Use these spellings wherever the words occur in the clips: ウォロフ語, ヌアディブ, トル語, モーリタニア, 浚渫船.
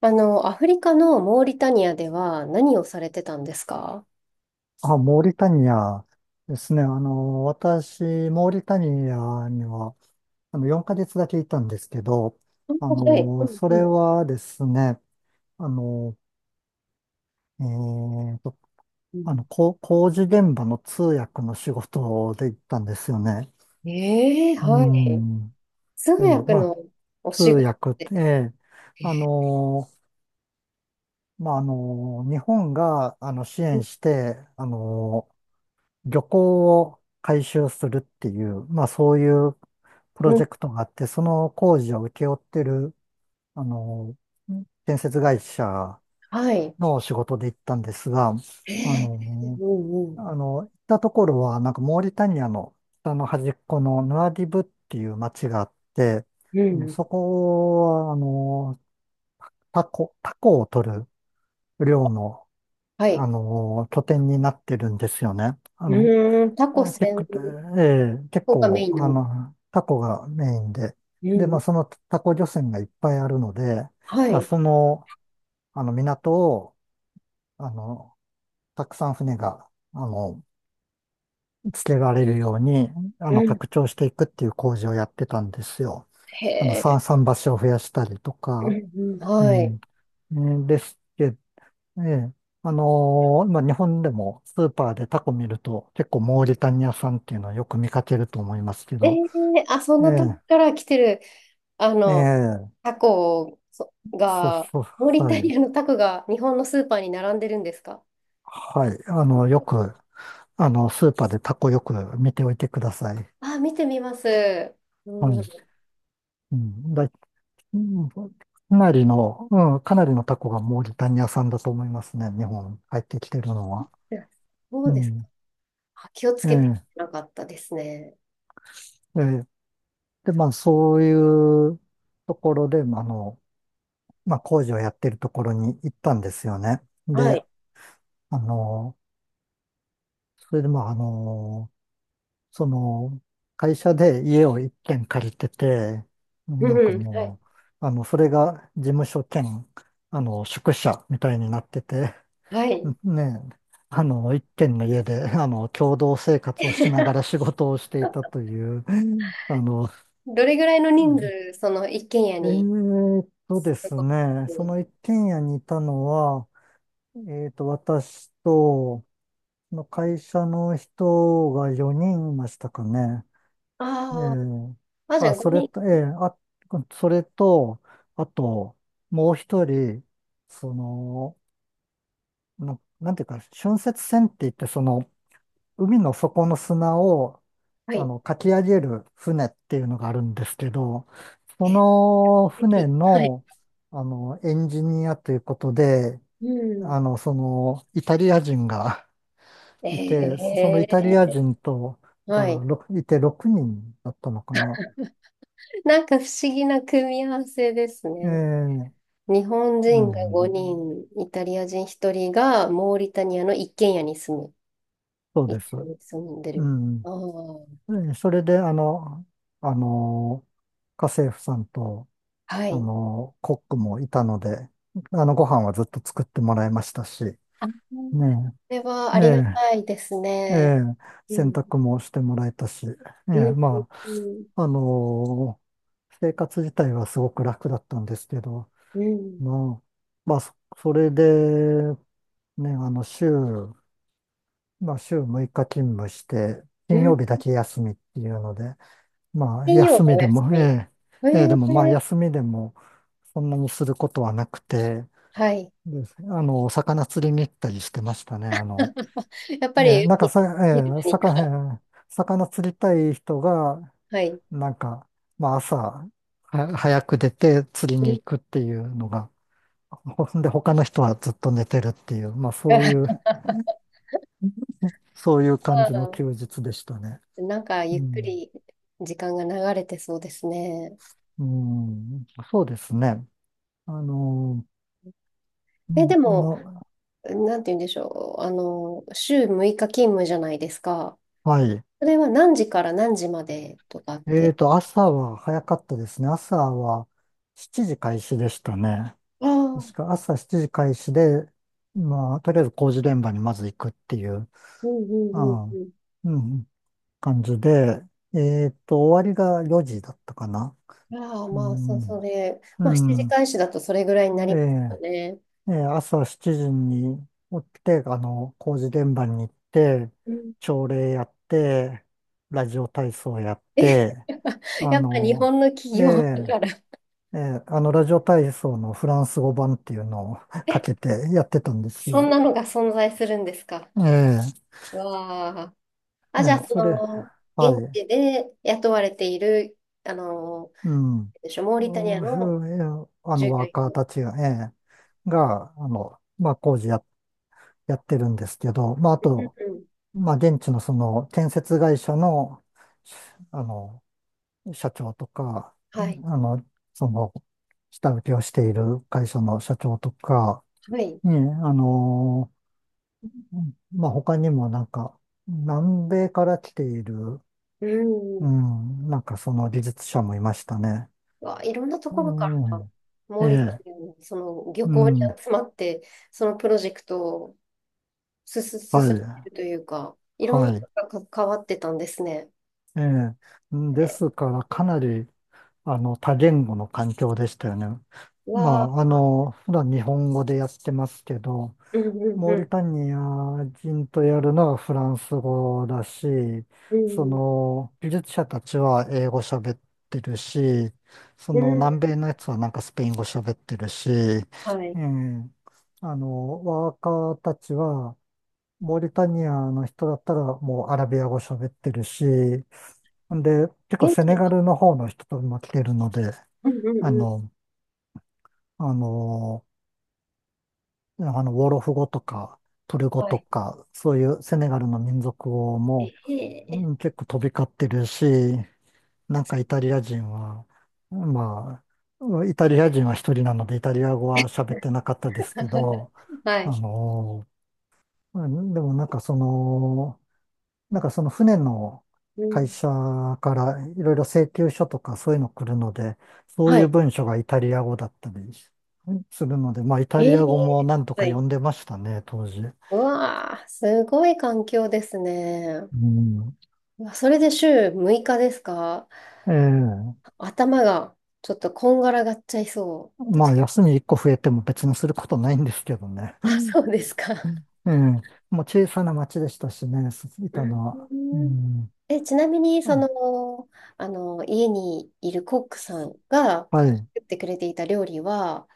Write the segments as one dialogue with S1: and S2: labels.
S1: アフリカのモーリタニアでは何をされてたんですか？
S2: あ、モーリタニアですね。私、モーリタニアには、4ヶ月だけいたんですけど、
S1: あ、はい。うん
S2: そ
S1: う
S2: れ
S1: ん。
S2: はですね、あの、えーと、
S1: うん、
S2: 工事現場の通訳の仕事で行ったんですよね。
S1: ええ、
S2: う
S1: はい。
S2: ん。
S1: 通
S2: えー
S1: 訳
S2: まあ、
S1: のお
S2: 通
S1: 仕事
S2: 訳っ
S1: で。
S2: て、
S1: え
S2: あの、日本が、支
S1: ー
S2: 援して、漁港を改修するっていう、まあそういうプ
S1: う
S2: ロ
S1: ん、
S2: ジェクトがあって、その工事を請け負ってる、あの、建設会社
S1: はい。
S2: の仕事で行ったんですが、
S1: え
S2: あ
S1: え。
S2: の、
S1: うんうん。
S2: 行ったところは、なんかモーリタニアの北の端っこのヌアディブっていう町があって、
S1: うん。
S2: そこは、タコ、タコを取る漁の、
S1: はい。
S2: 拠点になってるんですよね。あの、
S1: タコ
S2: えテ
S1: 専
S2: ッええ結
S1: 攻がメイ
S2: 構、
S1: ンなんです？
S2: タコがメインで、
S1: う
S2: で、
S1: んう
S2: まあ、
S1: ん。
S2: そのタコ漁船がいっぱいあるので、
S1: は
S2: まあ、
S1: い。
S2: その、港を、あの、たくさん船が、あの、つけられるように、
S1: うん。
S2: 拡張していくっていう工事をやってたんですよ。
S1: へえ。
S2: 桟橋を増やしたりと
S1: う
S2: か、
S1: んうん。
S2: う
S1: はい。
S2: ん。ねですけど、ええ日本でもスーパーでタコ見ると結構モーリタニア産っていうのはよく見かけると思いますけ
S1: え
S2: ど、
S1: え。あ、そん
S2: え
S1: なとこ
S2: え、
S1: から来てる。あ
S2: え
S1: の、
S2: え、
S1: タコそ
S2: そう
S1: が、
S2: そ
S1: モー
S2: う、
S1: リ
S2: は
S1: タ
S2: い。
S1: リアのタコが日本のスーパーに並んでるんですか？
S2: はい。あの、よく、あの、スーパーでタコよく見ておいてください。
S1: あ、見てみます。う
S2: はい。
S1: ん。
S2: うん、だい、うんかなりの、かなりのタコがモーリタニア産だと思いますね。日本入ってきてるのは。
S1: そ
S2: う
S1: うですか。
S2: ん。
S1: あ、気をつ
S2: え
S1: けて
S2: え、
S1: なかったですね。
S2: ええ。で、まあ、そういうところで、まあ、工事をやってるところに行ったんですよね。
S1: は
S2: で、
S1: い。
S2: あの、それで、まあ、あの、その、会社で家を一軒借りてて、
S1: うん。
S2: なんか
S1: はい。
S2: もう、あの、それが事務所兼、宿舎みたいになってて、
S1: はい。
S2: ねえ、一軒の家で、共同生活をしながら仕 事をしていたという、あの、
S1: どれぐらいの人数、その一軒家に？
S2: ですね、その一軒家にいたのは、え私と、その会社の人が4人いましたかね。
S1: あ
S2: ええ
S1: あー、あ、じゃあ
S2: それ
S1: 5人。
S2: と、それと、あと、もう一人、その、なんていうか、浚渫船って言って、その、海の底の砂を、
S1: はい。
S2: かき上げる船っていうのがあるんですけど、そ
S1: え、素
S2: の船
S1: 敵。はい。
S2: の、エンジニアということで、
S1: うん。
S2: イタリア人が いて、
S1: え
S2: そのイタリア
S1: え、
S2: 人と、だか
S1: は
S2: ら
S1: い。
S2: ろくいて6人だったのかな。
S1: なんか不思議な組み合わせですね。
S2: ええ、
S1: 日本
S2: う
S1: 人が5
S2: ん、
S1: 人、イタリア人1人がモーリタニアの一軒家に住む。
S2: そう
S1: 一
S2: です。
S1: 緒に住んで
S2: う
S1: る。
S2: ん。
S1: ああ、
S2: それで、あの、家政婦さんと、
S1: はい。
S2: コックもいたので、ご飯はずっと作ってもらいましたし、ね
S1: あ、それは
S2: え、
S1: ありが
S2: え
S1: たいです
S2: え、え
S1: ね。
S2: え、
S1: う
S2: 洗
S1: ん。
S2: 濯もしてもらえたし、え
S1: う
S2: え、
S1: ん。うん。
S2: あ、あの、生活自体はすごく楽だったんですけど、
S1: うん。
S2: まあ、それで、ね、あの、週、まあ、週6日勤務して、
S1: う
S2: 金
S1: ん。
S2: 曜日だけ休みっていうので、まあ、
S1: 金曜
S2: 休
S1: が
S2: み
S1: お
S2: で
S1: 休
S2: も、
S1: み。
S2: ええ、ええ、でもまあ、
S1: ー、
S2: 休みでも、そんなにすることはなくて、
S1: はい。
S2: で、魚釣りに行ったりしてましたね。あの、
S1: やっ
S2: え
S1: ぱ
S2: え、
S1: り、
S2: なんかさ、
S1: 昼
S2: ええ、
S1: 何か？
S2: 魚、ええ魚釣りたい人が、
S1: はい。
S2: なんか、まあ、朝は早く出て釣り
S1: う
S2: に
S1: ん。
S2: 行くっていうのが、で、他の人はずっと寝てるっていう、
S1: あ
S2: そういう感じの休
S1: ー、
S2: 日でしたね。
S1: なんか、
S2: う
S1: ゆっく
S2: ん、
S1: り時間が流れてそうですね。
S2: うん、そうですね。あの、う
S1: え、で
S2: ん
S1: も、
S2: ま、
S1: なんて言うんでしょう。週6日勤務じゃないですか？
S2: はい。
S1: それは何時から何時までとかっ
S2: えー
S1: て？
S2: と、朝は早かったですね。朝は7時開始でしたね。
S1: ああ、う
S2: 確
S1: ん
S2: か朝7時開始で、まあ、とりあえず工事現場にまず行くっていう、
S1: う
S2: う
S1: んう
S2: ん、
S1: ん
S2: うん、感じで、えーと、終わりが4時だったかな。
S1: うん。ああ、
S2: う
S1: まあ、そ、そ
S2: ん、
S1: れ、
S2: う
S1: まあ、7時
S2: ん、
S1: 開始だとそれぐらい
S2: え
S1: に
S2: え
S1: なります
S2: ね
S1: よね。
S2: えー朝7時に起きて、工事現場に行って、
S1: うん。
S2: 朝礼やって、ラジオ体操やっ
S1: え、
S2: て、
S1: やっぱ
S2: あ
S1: やっぱ日
S2: の、
S1: 本の
S2: え
S1: 企業だ
S2: え
S1: から、
S2: ラジオ体操のフランス語版っていうのを か
S1: え、
S2: けてやってたんです
S1: そん
S2: よ。
S1: なのが存在するんですか？
S2: ええ
S1: わあ。あ、じゃあ、そ
S2: それ、
S1: の、
S2: は
S1: 現
S2: い、
S1: 地で雇われている、あの、
S2: うん。
S1: でしょ、モーリタニア
S2: う
S1: の
S2: ーええあの、
S1: 従業
S2: ワー
S1: 員
S2: カー
S1: の。
S2: たちが、まあ、工事や、やってるんですけど、まあ、あ
S1: うん
S2: と、
S1: うん。
S2: まあ、現地のその建設会社の、あの、社長とか、
S1: はい。
S2: あの、その、下請けをしている会社の社長とか、
S1: はい。
S2: ね、あの、まあ、他にもなんか、南米から来ている、
S1: うん。
S2: う
S1: う
S2: ん、なんかその技術者もいましたね。
S1: わ、いろんなところか
S2: う
S1: ら、
S2: ん、
S1: モ
S2: え
S1: ーリタ
S2: え、
S1: ニアのその漁
S2: う
S1: 港に
S2: ん、
S1: 集まって、そのプロジェクトをすす進
S2: はい、
S1: めてるというか、いろんな
S2: は
S1: 人
S2: い、
S1: が関わってたんですね。
S2: ええ、で
S1: で、
S2: すからかなり、多言語の環境でしたよね。
S1: う
S2: ま
S1: わあ、
S2: あ、普段日本語でやってますけど、
S1: うんうん
S2: モ
S1: う
S2: ーリ
S1: ん、
S2: タニア人とやるのはフランス語だし、
S1: う
S2: そ
S1: ん、
S2: の、技術者たちは英語喋ってるし、そ
S1: う
S2: の、
S1: ん、
S2: 南米のやつはなんかスペイン語喋ってるし、
S1: はい。
S2: えワーカーたちはモーリタニアの人だったらもうアラビア語喋ってるし、んで、結構
S1: 現
S2: セ
S1: 地
S2: ネ
S1: は、
S2: ガルの方の人とも来てるので、
S1: うんうん
S2: あ
S1: うん、
S2: の、あの、あの、ウォロフ語とか、トル語
S1: は
S2: と
S1: い。
S2: か、そういうセネガルの民族語も、
S1: え
S2: う
S1: え。
S2: ん、結構飛び交ってるし、なんかイタリア人は、まあ、イタリア人は一人なのでイタリア語は喋ってなかったですけど、
S1: は
S2: あ
S1: い。
S2: の、うんでもなんかその、なんかその船の
S1: う
S2: 会
S1: ん、
S2: 社からいろいろ請求書とかそういうの来るので、そう
S1: は
S2: いう
S1: い。
S2: 文書がイタリア語だったりするので、まあイタ
S1: え
S2: リ
S1: え、
S2: ア語もなんと
S1: は
S2: か
S1: い。
S2: 読んでましたね、当時。
S1: うわあ、すごい環境ですね。
S2: うん。
S1: うわ、それで週6日ですか？
S2: ええ。
S1: 頭がちょっとこんがらがっちゃいそう。
S2: ま
S1: 確
S2: あ
S1: か
S2: 休み1個増えても別にすることないんですけどね。
S1: に。あ、そうですか。
S2: ええ。もう小さな町でしたしね、い
S1: う
S2: たのは。う
S1: ん。
S2: ん。
S1: え、ちなみに、
S2: あ、
S1: 家にいるコックさんが
S2: はい。
S1: 作ってくれていた料理は、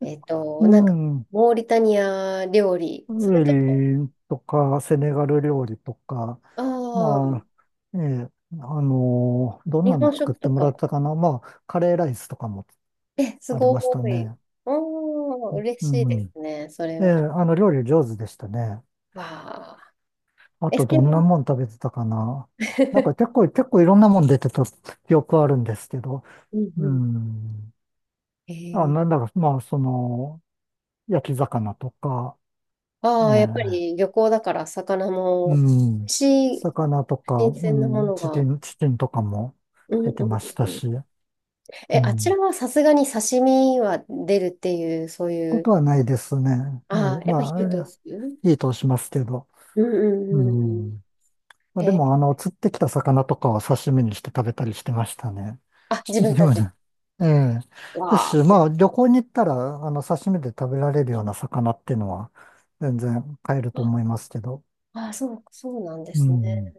S2: う
S1: なんか、
S2: ん。
S1: モーリタニア料理、そ
S2: ウ
S1: れとも、
S2: ェリとか、セネガル料理とか、
S1: あ
S2: ま
S1: あ、
S2: あ、ええ、あのどん
S1: 日
S2: なの
S1: 本
S2: 作っ
S1: 食
S2: て
S1: と
S2: もら
S1: か？
S2: ったかな。まあ、カレーライスとかも
S1: え、す
S2: あり
S1: ご
S2: ました
S1: い。
S2: ね。
S1: おー、嬉
S2: う
S1: しいで
S2: ん。
S1: すね、それ
S2: ええ、
S1: は。
S2: 料理上手でしたね。
S1: わあ。
S2: あ
S1: え、
S2: と、
S1: それ
S2: どんな
S1: は、
S2: もん食べてたかな。結構いろんなもん出てた記憶あるんですけど。
S1: うんう
S2: う
S1: ん。
S2: ん。
S1: え
S2: あ、
S1: ー
S2: なんだか、まあ、その、焼き魚とか、え
S1: ああ、やっぱ
S2: え、
S1: り漁港だから魚
S2: う
S1: も美
S2: ん。
S1: 味しい
S2: 魚とか、
S1: 新
S2: う
S1: 鮮なも
S2: ん、
S1: のが。う
S2: チキンとかも
S1: んう
S2: 出
S1: ん
S2: てました
S1: うん。
S2: し。
S1: え、
S2: う
S1: あちら
S2: ん。
S1: はさすがに刺身は出るっていう、そうい
S2: こ
S1: う。
S2: とはないですね。は
S1: あ
S2: い。
S1: あ、やっ
S2: ま
S1: ぱ
S2: あ、
S1: 火を
S2: あ
S1: 通す。うん
S2: れいいとしますけど。
S1: うん
S2: う
S1: うんうん。
S2: ん。まあ、で
S1: え、
S2: も、釣ってきた魚とかは刺身にして食べたりしてましたね。
S1: あ、自分
S2: で
S1: た
S2: も
S1: ち？
S2: ねええ。で
S1: わ
S2: すし、まあ、旅行に行ったら、刺身で食べられるような魚っていうのは、全然買えると思
S1: あ。
S2: いますけど。
S1: ああ、そう、そうなんで
S2: う
S1: すね。
S2: ん。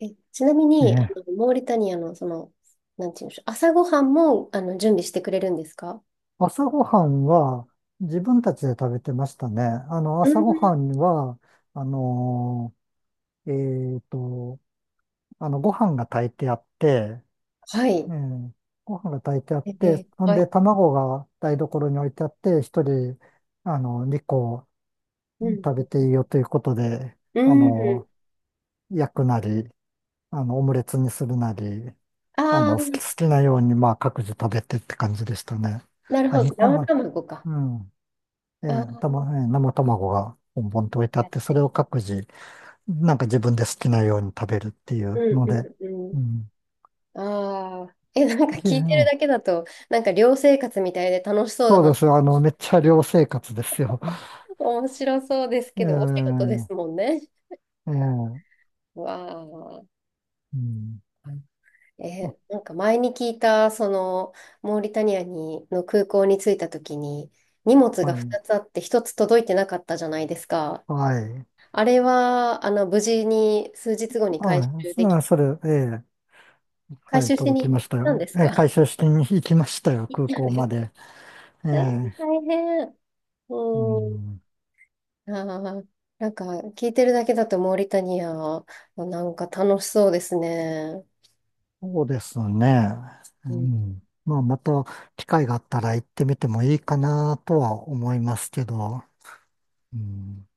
S1: え、ちなみ
S2: え
S1: に、
S2: え。
S1: モーリタニアの、なんていうんでしょう、朝ごはんも、準備してくれるんですか？
S2: 朝ごはんは、自分たちで食べてましたね。あの、
S1: う
S2: 朝ご
S1: ん。
S2: はんは、あのーえっと、ご飯が炊いてあって、
S1: はい。
S2: ええ、ご飯が炊いてあって、ほん
S1: は
S2: で
S1: い。
S2: 卵が台所に置いてあって、一人、2個
S1: うん。
S2: 食べていいよということで、
S1: う
S2: あ
S1: ん。
S2: の、焼くなり、オムレツにするなり、
S1: ああ、
S2: 好きなように、まあ、各自食べてって感じでしたね。
S1: なる
S2: あ、
S1: ほ
S2: 2
S1: ど。
S2: 個
S1: 生
S2: も、
S1: 卵か。
S2: うん。え
S1: あ
S2: え、た
S1: あ、
S2: ま、ええ生卵がボンボンと置いてあ
S1: や
S2: っ
S1: っ
S2: て、そ
S1: て。
S2: れを各自、なんか自分で好きなように食べるってい
S1: う
S2: う
S1: ん
S2: ので、
S1: うんう
S2: う
S1: ん。
S2: ん。
S1: ああ。え、なんか
S2: い
S1: 聞いてるだけ
S2: え
S1: だと、なんか寮生活みたいで楽しそうだ
S2: そうで
S1: な。
S2: す。めっちゃ寮生活ですよ。
S1: 面白そうです
S2: え
S1: けど、お仕事
S2: え、
S1: ですもんね。
S2: ええ、
S1: わあ。
S2: うん。あ、
S1: え、なんか前に聞いた、モーリタニアに、の空港に着いた時に、荷物が
S2: はい、
S1: 2つあって1つ届いてなかったじゃないですか。
S2: はい。
S1: あれは、無事に数日後に回
S2: あ、
S1: 収でき、
S2: そそれ、ええ、
S1: 回
S2: はい、
S1: 収し
S2: 届き
S1: に行
S2: ま
S1: っ
S2: した
S1: たんで
S2: よ。
S1: す
S2: ええ、
S1: か？
S2: 回収しに行きましたよ、
S1: 行っ
S2: 空
S1: たん
S2: 港
S1: で
S2: ま
S1: す。
S2: で。え
S1: うん、
S2: え、
S1: 大変。
S2: う
S1: う
S2: ん。
S1: ん。ああ、なんか聞いてるだけだとモーリタニア、なんか楽しそうですね。
S2: そうですね。う
S1: うん。
S2: ん。まあ、また機会があったら行ってみてもいいかなとは思いますけど。うん